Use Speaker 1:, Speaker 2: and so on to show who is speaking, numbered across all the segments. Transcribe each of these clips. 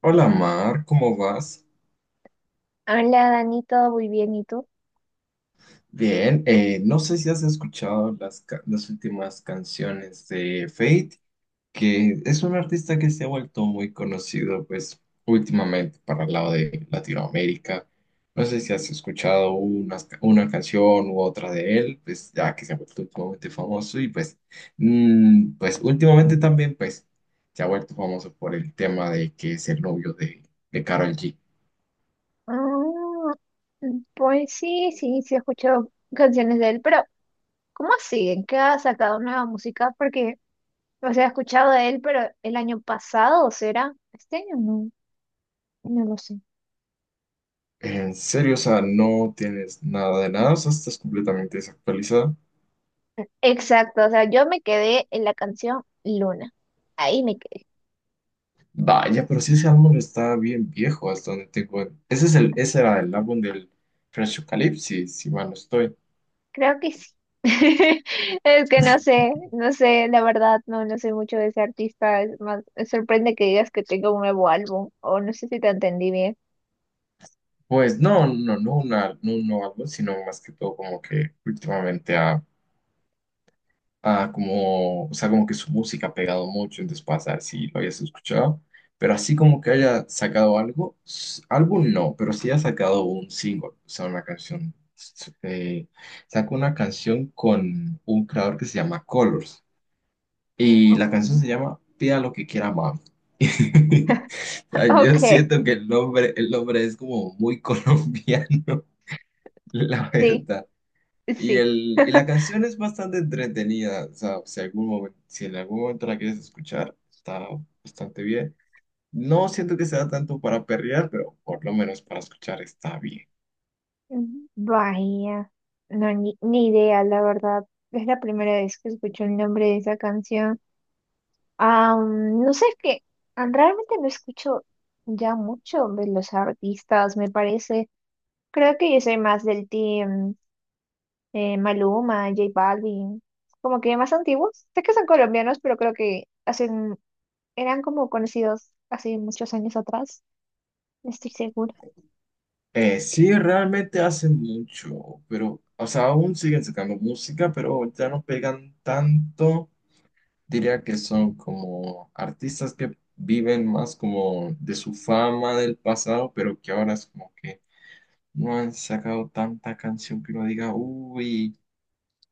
Speaker 1: Hola Mar, ¿cómo vas?
Speaker 2: Hola Dani, todo muy bien, ¿y tú?
Speaker 1: Bien, no sé si has escuchado las últimas canciones de Fate, que es un artista que se ha vuelto muy conocido, pues últimamente para el lado de Latinoamérica. No sé si has escuchado una canción u otra de él, pues ya que se ha vuelto últimamente famoso y pues últimamente también pues se ha vuelto famoso por el tema de que es el novio de Karol G.
Speaker 2: Mm, pues sí, sí, sí he escuchado canciones de él, pero ¿cómo siguen? ¿Qué ha sacado nueva música? Porque, o sea, he escuchado de él, pero el año pasado, ¿será? ¿Este año? No, no lo sé.
Speaker 1: En serio, o sea, no tienes nada de nada, o sea, estás completamente desactualizado.
Speaker 2: Exacto, o sea, yo me quedé en la canción Luna. Ahí me quedé.
Speaker 1: Vaya, pero sí, ese álbum está bien viejo, hasta donde tengo. Ese era el álbum del Fresh Eucalyptus, si mal no estoy.
Speaker 2: Creo que sí. Es que no sé, no sé, la verdad, no, no sé mucho de ese artista. Es más, me sorprende que digas que tenga un nuevo álbum, o no sé si te entendí bien.
Speaker 1: Pues no, no un nuevo álbum, sino más que todo como que últimamente ha... Ah, como, o sea, como que su música ha pegado mucho, entonces para saber si lo habías escuchado, pero así como que haya sacado algo, álbum no, pero sí ha sacado un single, o sea, una canción. Sacó una canción con un creador que se llama Colors y la
Speaker 2: Ok.
Speaker 1: canción se llama Pida lo que quiera mami. O sea, yo
Speaker 2: Ok,
Speaker 1: siento que el nombre es como muy colombiano, la
Speaker 2: sí,
Speaker 1: verdad. Y,
Speaker 2: sí.
Speaker 1: y la canción es bastante entretenida, o sea, si si en algún momento la quieres escuchar, está bastante bien. No siento que sea tanto para perrear, pero por lo menos para escuchar está bien.
Speaker 2: Mm, vaya, no, ni idea, la verdad. Es la primera vez que escucho el nombre de esa canción. Ah, mm, no sé, es que realmente no escucho ya mucho de los artistas, me parece. Creo que yo soy más del team Maluma, J Balvin, como que más antiguos. Sé que son colombianos, pero creo que hacen, eran como conocidos hace muchos años atrás, no estoy segura.
Speaker 1: Sí, realmente hacen mucho, pero, o sea, aún siguen sacando música, pero ya no pegan tanto. Diría que son como artistas que viven más como de su fama del pasado, pero que ahora es como que no han sacado tanta canción que uno diga, uy.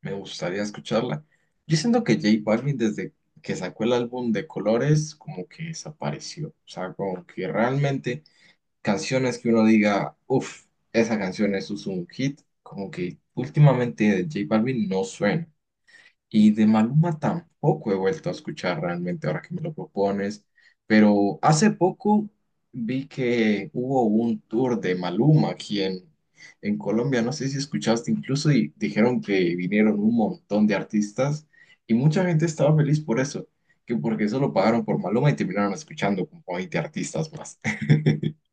Speaker 1: Me gustaría escucharla. Yo siento que J Balvin desde que sacó el álbum de Colores como que desapareció. O sea, como que realmente canciones que uno diga, uff, esa canción es un hit, como que últimamente de J Balvin no suena. Y de Maluma tampoco he vuelto a escuchar realmente ahora que me lo propones, pero hace poco vi que hubo un tour de Maluma aquí en Colombia, no sé si escuchaste incluso, y dijeron que vinieron un montón de artistas y mucha gente estaba feliz por eso, que porque solo pagaron por Maluma y terminaron escuchando como 20 artistas más.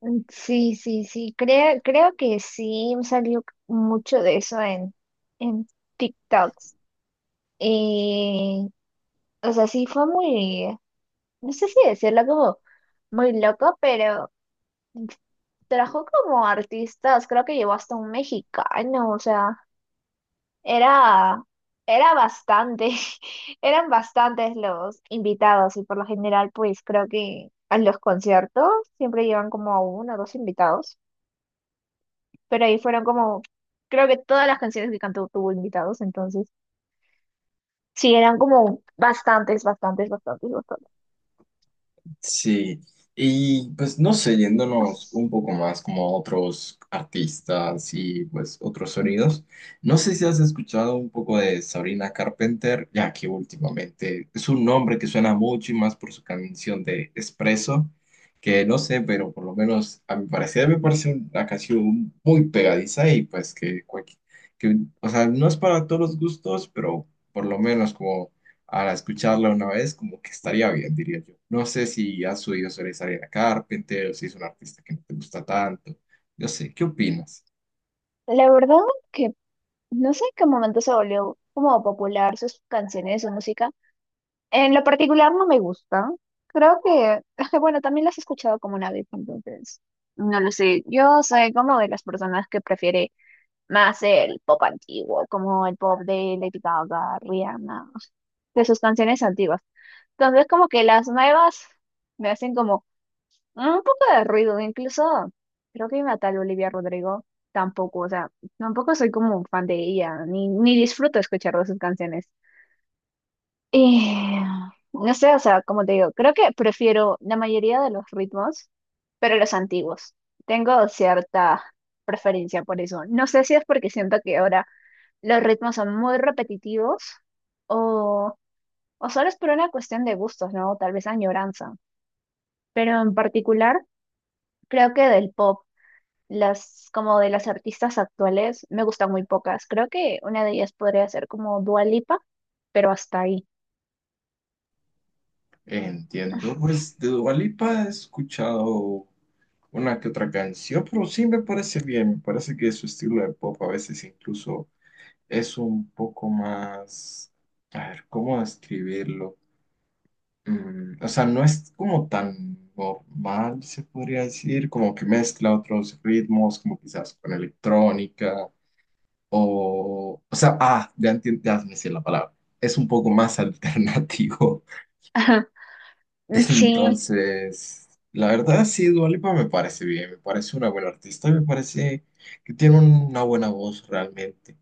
Speaker 2: Mm, sí, sí, sí, creo que sí salió mucho de eso en TikToks. Eh, o sea, sí fue muy, no sé si decirlo como muy loco, pero trajo como artistas, creo que llevó hasta un mexicano, o sea, era, era bastante, eran bastantes los invitados y por lo general pues creo que a los conciertos siempre llevan como a uno o dos invitados. Pero ahí fueron como, creo que todas las canciones que cantó tuvo invitados, entonces sí, eran como bastantes, bastantes, bastantes, bastantes.
Speaker 1: Sí, y pues no sé, yéndonos un poco más como a otros artistas y pues otros sonidos, no sé si has escuchado un poco de Sabrina Carpenter, ya que últimamente es un nombre que suena mucho y más por su canción de Espresso, que no sé, pero por lo menos a mi parecer me parece una canción muy pegadiza y pues que, que o sea, no es para todos los gustos, pero por lo menos como para escucharla una vez, como que estaría bien, diría yo. No sé si has oído sobre Sabrina Carpenter o si es un artista que no te gusta tanto. No sé, ¿qué opinas?
Speaker 2: La verdad que no sé en qué momento se volvió como popular sus canciones, su música. En lo particular no me gusta. Creo que, bueno, también las he escuchado como una vez, entonces, no lo sé. Yo soy como de las personas que prefiere más el pop antiguo, como el pop de Lady Gaga, Rihanna, de sus canciones antiguas. Entonces, como que las nuevas me hacen como un poco de ruido, incluso creo que una tal Olivia Rodrigo tampoco, o sea, tampoco soy como un fan de ella, ni disfruto escuchar de sus canciones. Y no sé, o sea, como te digo, creo que prefiero la mayoría de los ritmos, pero los antiguos. Tengo cierta preferencia por eso. No sé si es porque siento que ahora los ritmos son muy repetitivos o, o solo es por una cuestión de gustos, ¿no? Tal vez añoranza. Pero en particular creo que del pop, las como de las artistas actuales, me gustan muy pocas. Creo que una de ellas podría ser como Dua Lipa, pero hasta ahí.
Speaker 1: Entiendo, pues de Dua Lipa he escuchado una que otra canción, pero sí me parece bien. Me parece que su estilo de pop a veces incluso es un poco más. A ver, ¿cómo describirlo? O sea, no es como tan normal, se podría decir, como que mezcla otros ritmos, como quizás con electrónica, o sea, ah, ya entiendo, ya me sé la palabra, es un poco más alternativo.
Speaker 2: Sí,
Speaker 1: Entonces, la verdad, sí, Dua Lipa me parece bien, me parece una buena artista, y me parece que tiene una buena voz realmente.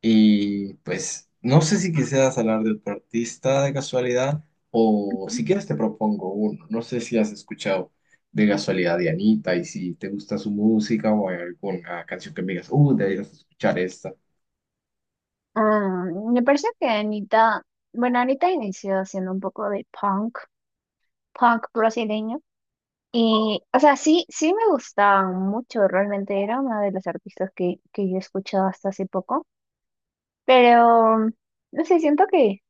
Speaker 1: Y pues no sé si quisieras hablar de otro artista de casualidad o si quieres te propongo uno. No sé si has escuchado de casualidad de Anita y si te gusta su música o hay alguna canción que me digas, deberías escuchar esta.
Speaker 2: me parece que Anita, bueno, Anita inició haciendo un poco de punk, punk brasileño. Y, o sea, sí, sí me gustaban mucho, realmente era una de las artistas que yo escuchaba hasta hace poco, pero no sé, siento que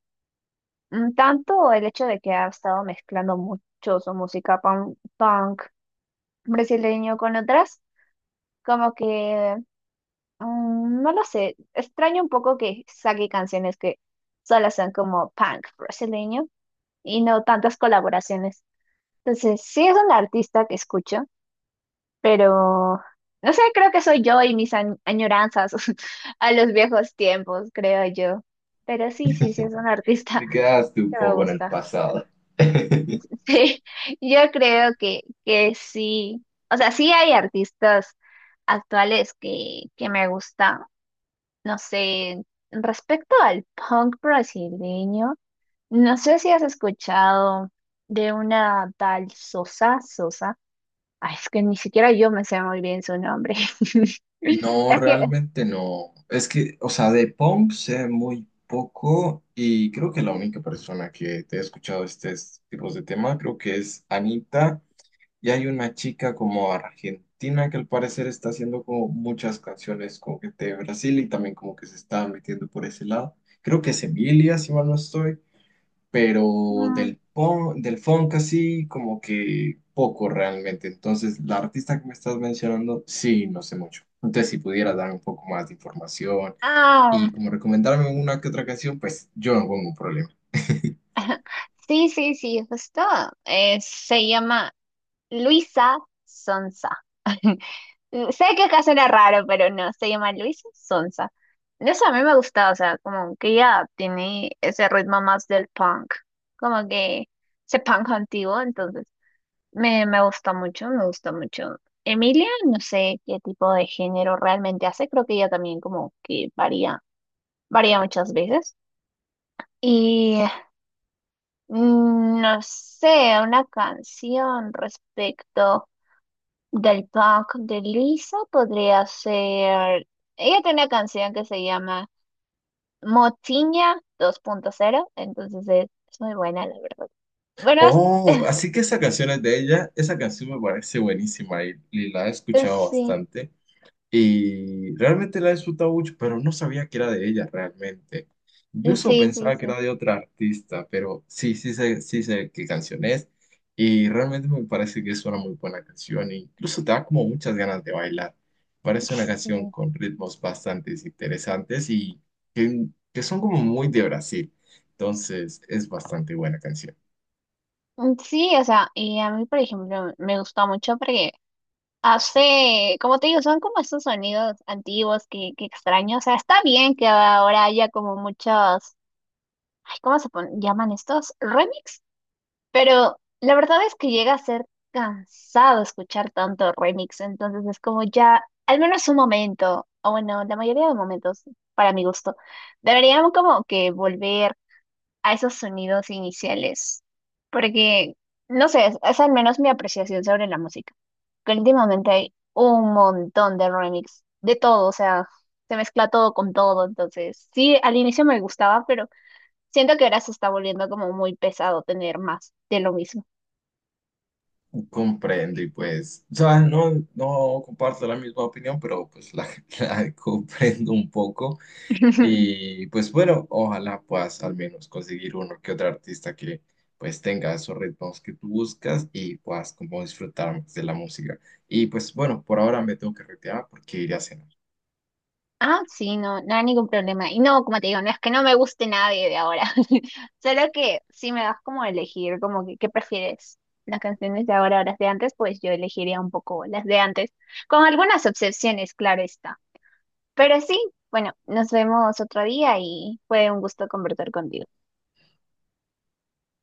Speaker 2: Tanto el hecho de que ha estado mezclando mucho su música punk, punk brasileño con otras, como que, no lo sé, extraño un poco que saque canciones que solo son como punk brasileño y no tantas colaboraciones. Entonces, sí es un artista que escucho, pero no sé, creo que soy yo y mis añoranzas a los viejos tiempos, creo yo. Pero sí, sí, sí es un artista
Speaker 1: Me quedaste un
Speaker 2: que me
Speaker 1: poco en el
Speaker 2: gusta.
Speaker 1: pasado.
Speaker 2: Sí, yo creo que sí. O sea, sí hay artistas actuales que me gustan. No sé, respecto al punk brasileño, no sé si has escuchado de una tal Sosa Sosa. Ay, es que ni siquiera yo me sé muy bien su nombre.
Speaker 1: No,
Speaker 2: Es que...
Speaker 1: realmente no. Es que, o sea, de punk sé muy poco y creo que la única persona que te he escuchado estos tipos de tema creo que es Anita. Y hay una chica como argentina que al parecer está haciendo como muchas canciones como que de Brasil y también como que se está metiendo por ese lado. Creo que es Emilia, si mal no estoy, pero
Speaker 2: mm,
Speaker 1: del funk así como que poco realmente. Entonces, la artista que me estás mencionando, sí, no sé mucho. Entonces, si pudieras darme un poco más de información
Speaker 2: Ah,
Speaker 1: y como recomendarme una que otra canción, pues yo no pongo un problema.
Speaker 2: sí, sí, sí, justo. Se llama Luisa Sonsa. Sé que acá suena raro, pero no, se llama Luisa Sonsa. No sé, a mí me gusta, o sea, como que ella tiene ese ritmo más del punk, como que ese punk antiguo, entonces me gusta mucho, me gusta mucho. Emilia, no sé qué tipo de género realmente hace, creo que ella también como que varía muchas veces. Y no sé, una canción respecto. Del punk de Lisa podría ser. Ella tiene una canción que se llama Motiña 2.0, entonces es muy buena, la verdad. Bueno,
Speaker 1: Oh, así que esa canción es de ella. Esa canción me parece buenísima y la he escuchado
Speaker 2: sí,
Speaker 1: bastante. Y realmente la he disfrutado mucho, pero no sabía que era de ella realmente. Yo
Speaker 2: sí,
Speaker 1: solo
Speaker 2: sí,
Speaker 1: pensaba que
Speaker 2: sí,
Speaker 1: era de otra artista, pero sí, sí sé qué canción es. Y realmente me parece que es una muy buena canción, e incluso te da como muchas ganas de bailar. Parece una canción
Speaker 2: sí.
Speaker 1: con ritmos bastante interesantes y que, que son como muy de Brasil. Entonces es bastante buena canción.
Speaker 2: Sí, o sea, y a mí, por ejemplo, me gusta mucho porque hace, como te digo, son como esos sonidos antiguos que extraño. O sea, está bien que ahora haya como muchos, ay, ¿cómo se llaman estos? Remix. Pero la verdad es que llega a ser cansado escuchar tanto remix, entonces es como ya, al menos un momento, o bueno, la mayoría de momentos, para mi gusto, deberíamos como que volver a esos sonidos iniciales, porque, no sé, es al menos mi apreciación sobre la música, que últimamente hay un montón de remix, de todo, o sea, se mezcla todo con todo, entonces sí, al inicio me gustaba, pero siento que ahora se está volviendo como muy pesado tener más de lo mismo.
Speaker 1: Comprendo y pues, o sea, no comparto la misma opinión, pero pues la, la comprendo un poco y pues bueno, ojalá puedas al menos conseguir uno que otro artista que pues tenga esos ritmos que tú buscas y puedas como disfrutar más de la música. Y pues bueno, por ahora me tengo que retirar porque iré a cenar.
Speaker 2: Ah, sí, no, no hay ningún problema. Y no, como te digo, no es que no me guste nadie de ahora, solo que si me das como a elegir, como que, ¿qué prefieres? Las canciones de ahora o las de antes, pues yo elegiría un poco las de antes, con algunas excepciones, claro está. Pero sí, bueno, nos vemos otro día y fue un gusto conversar contigo.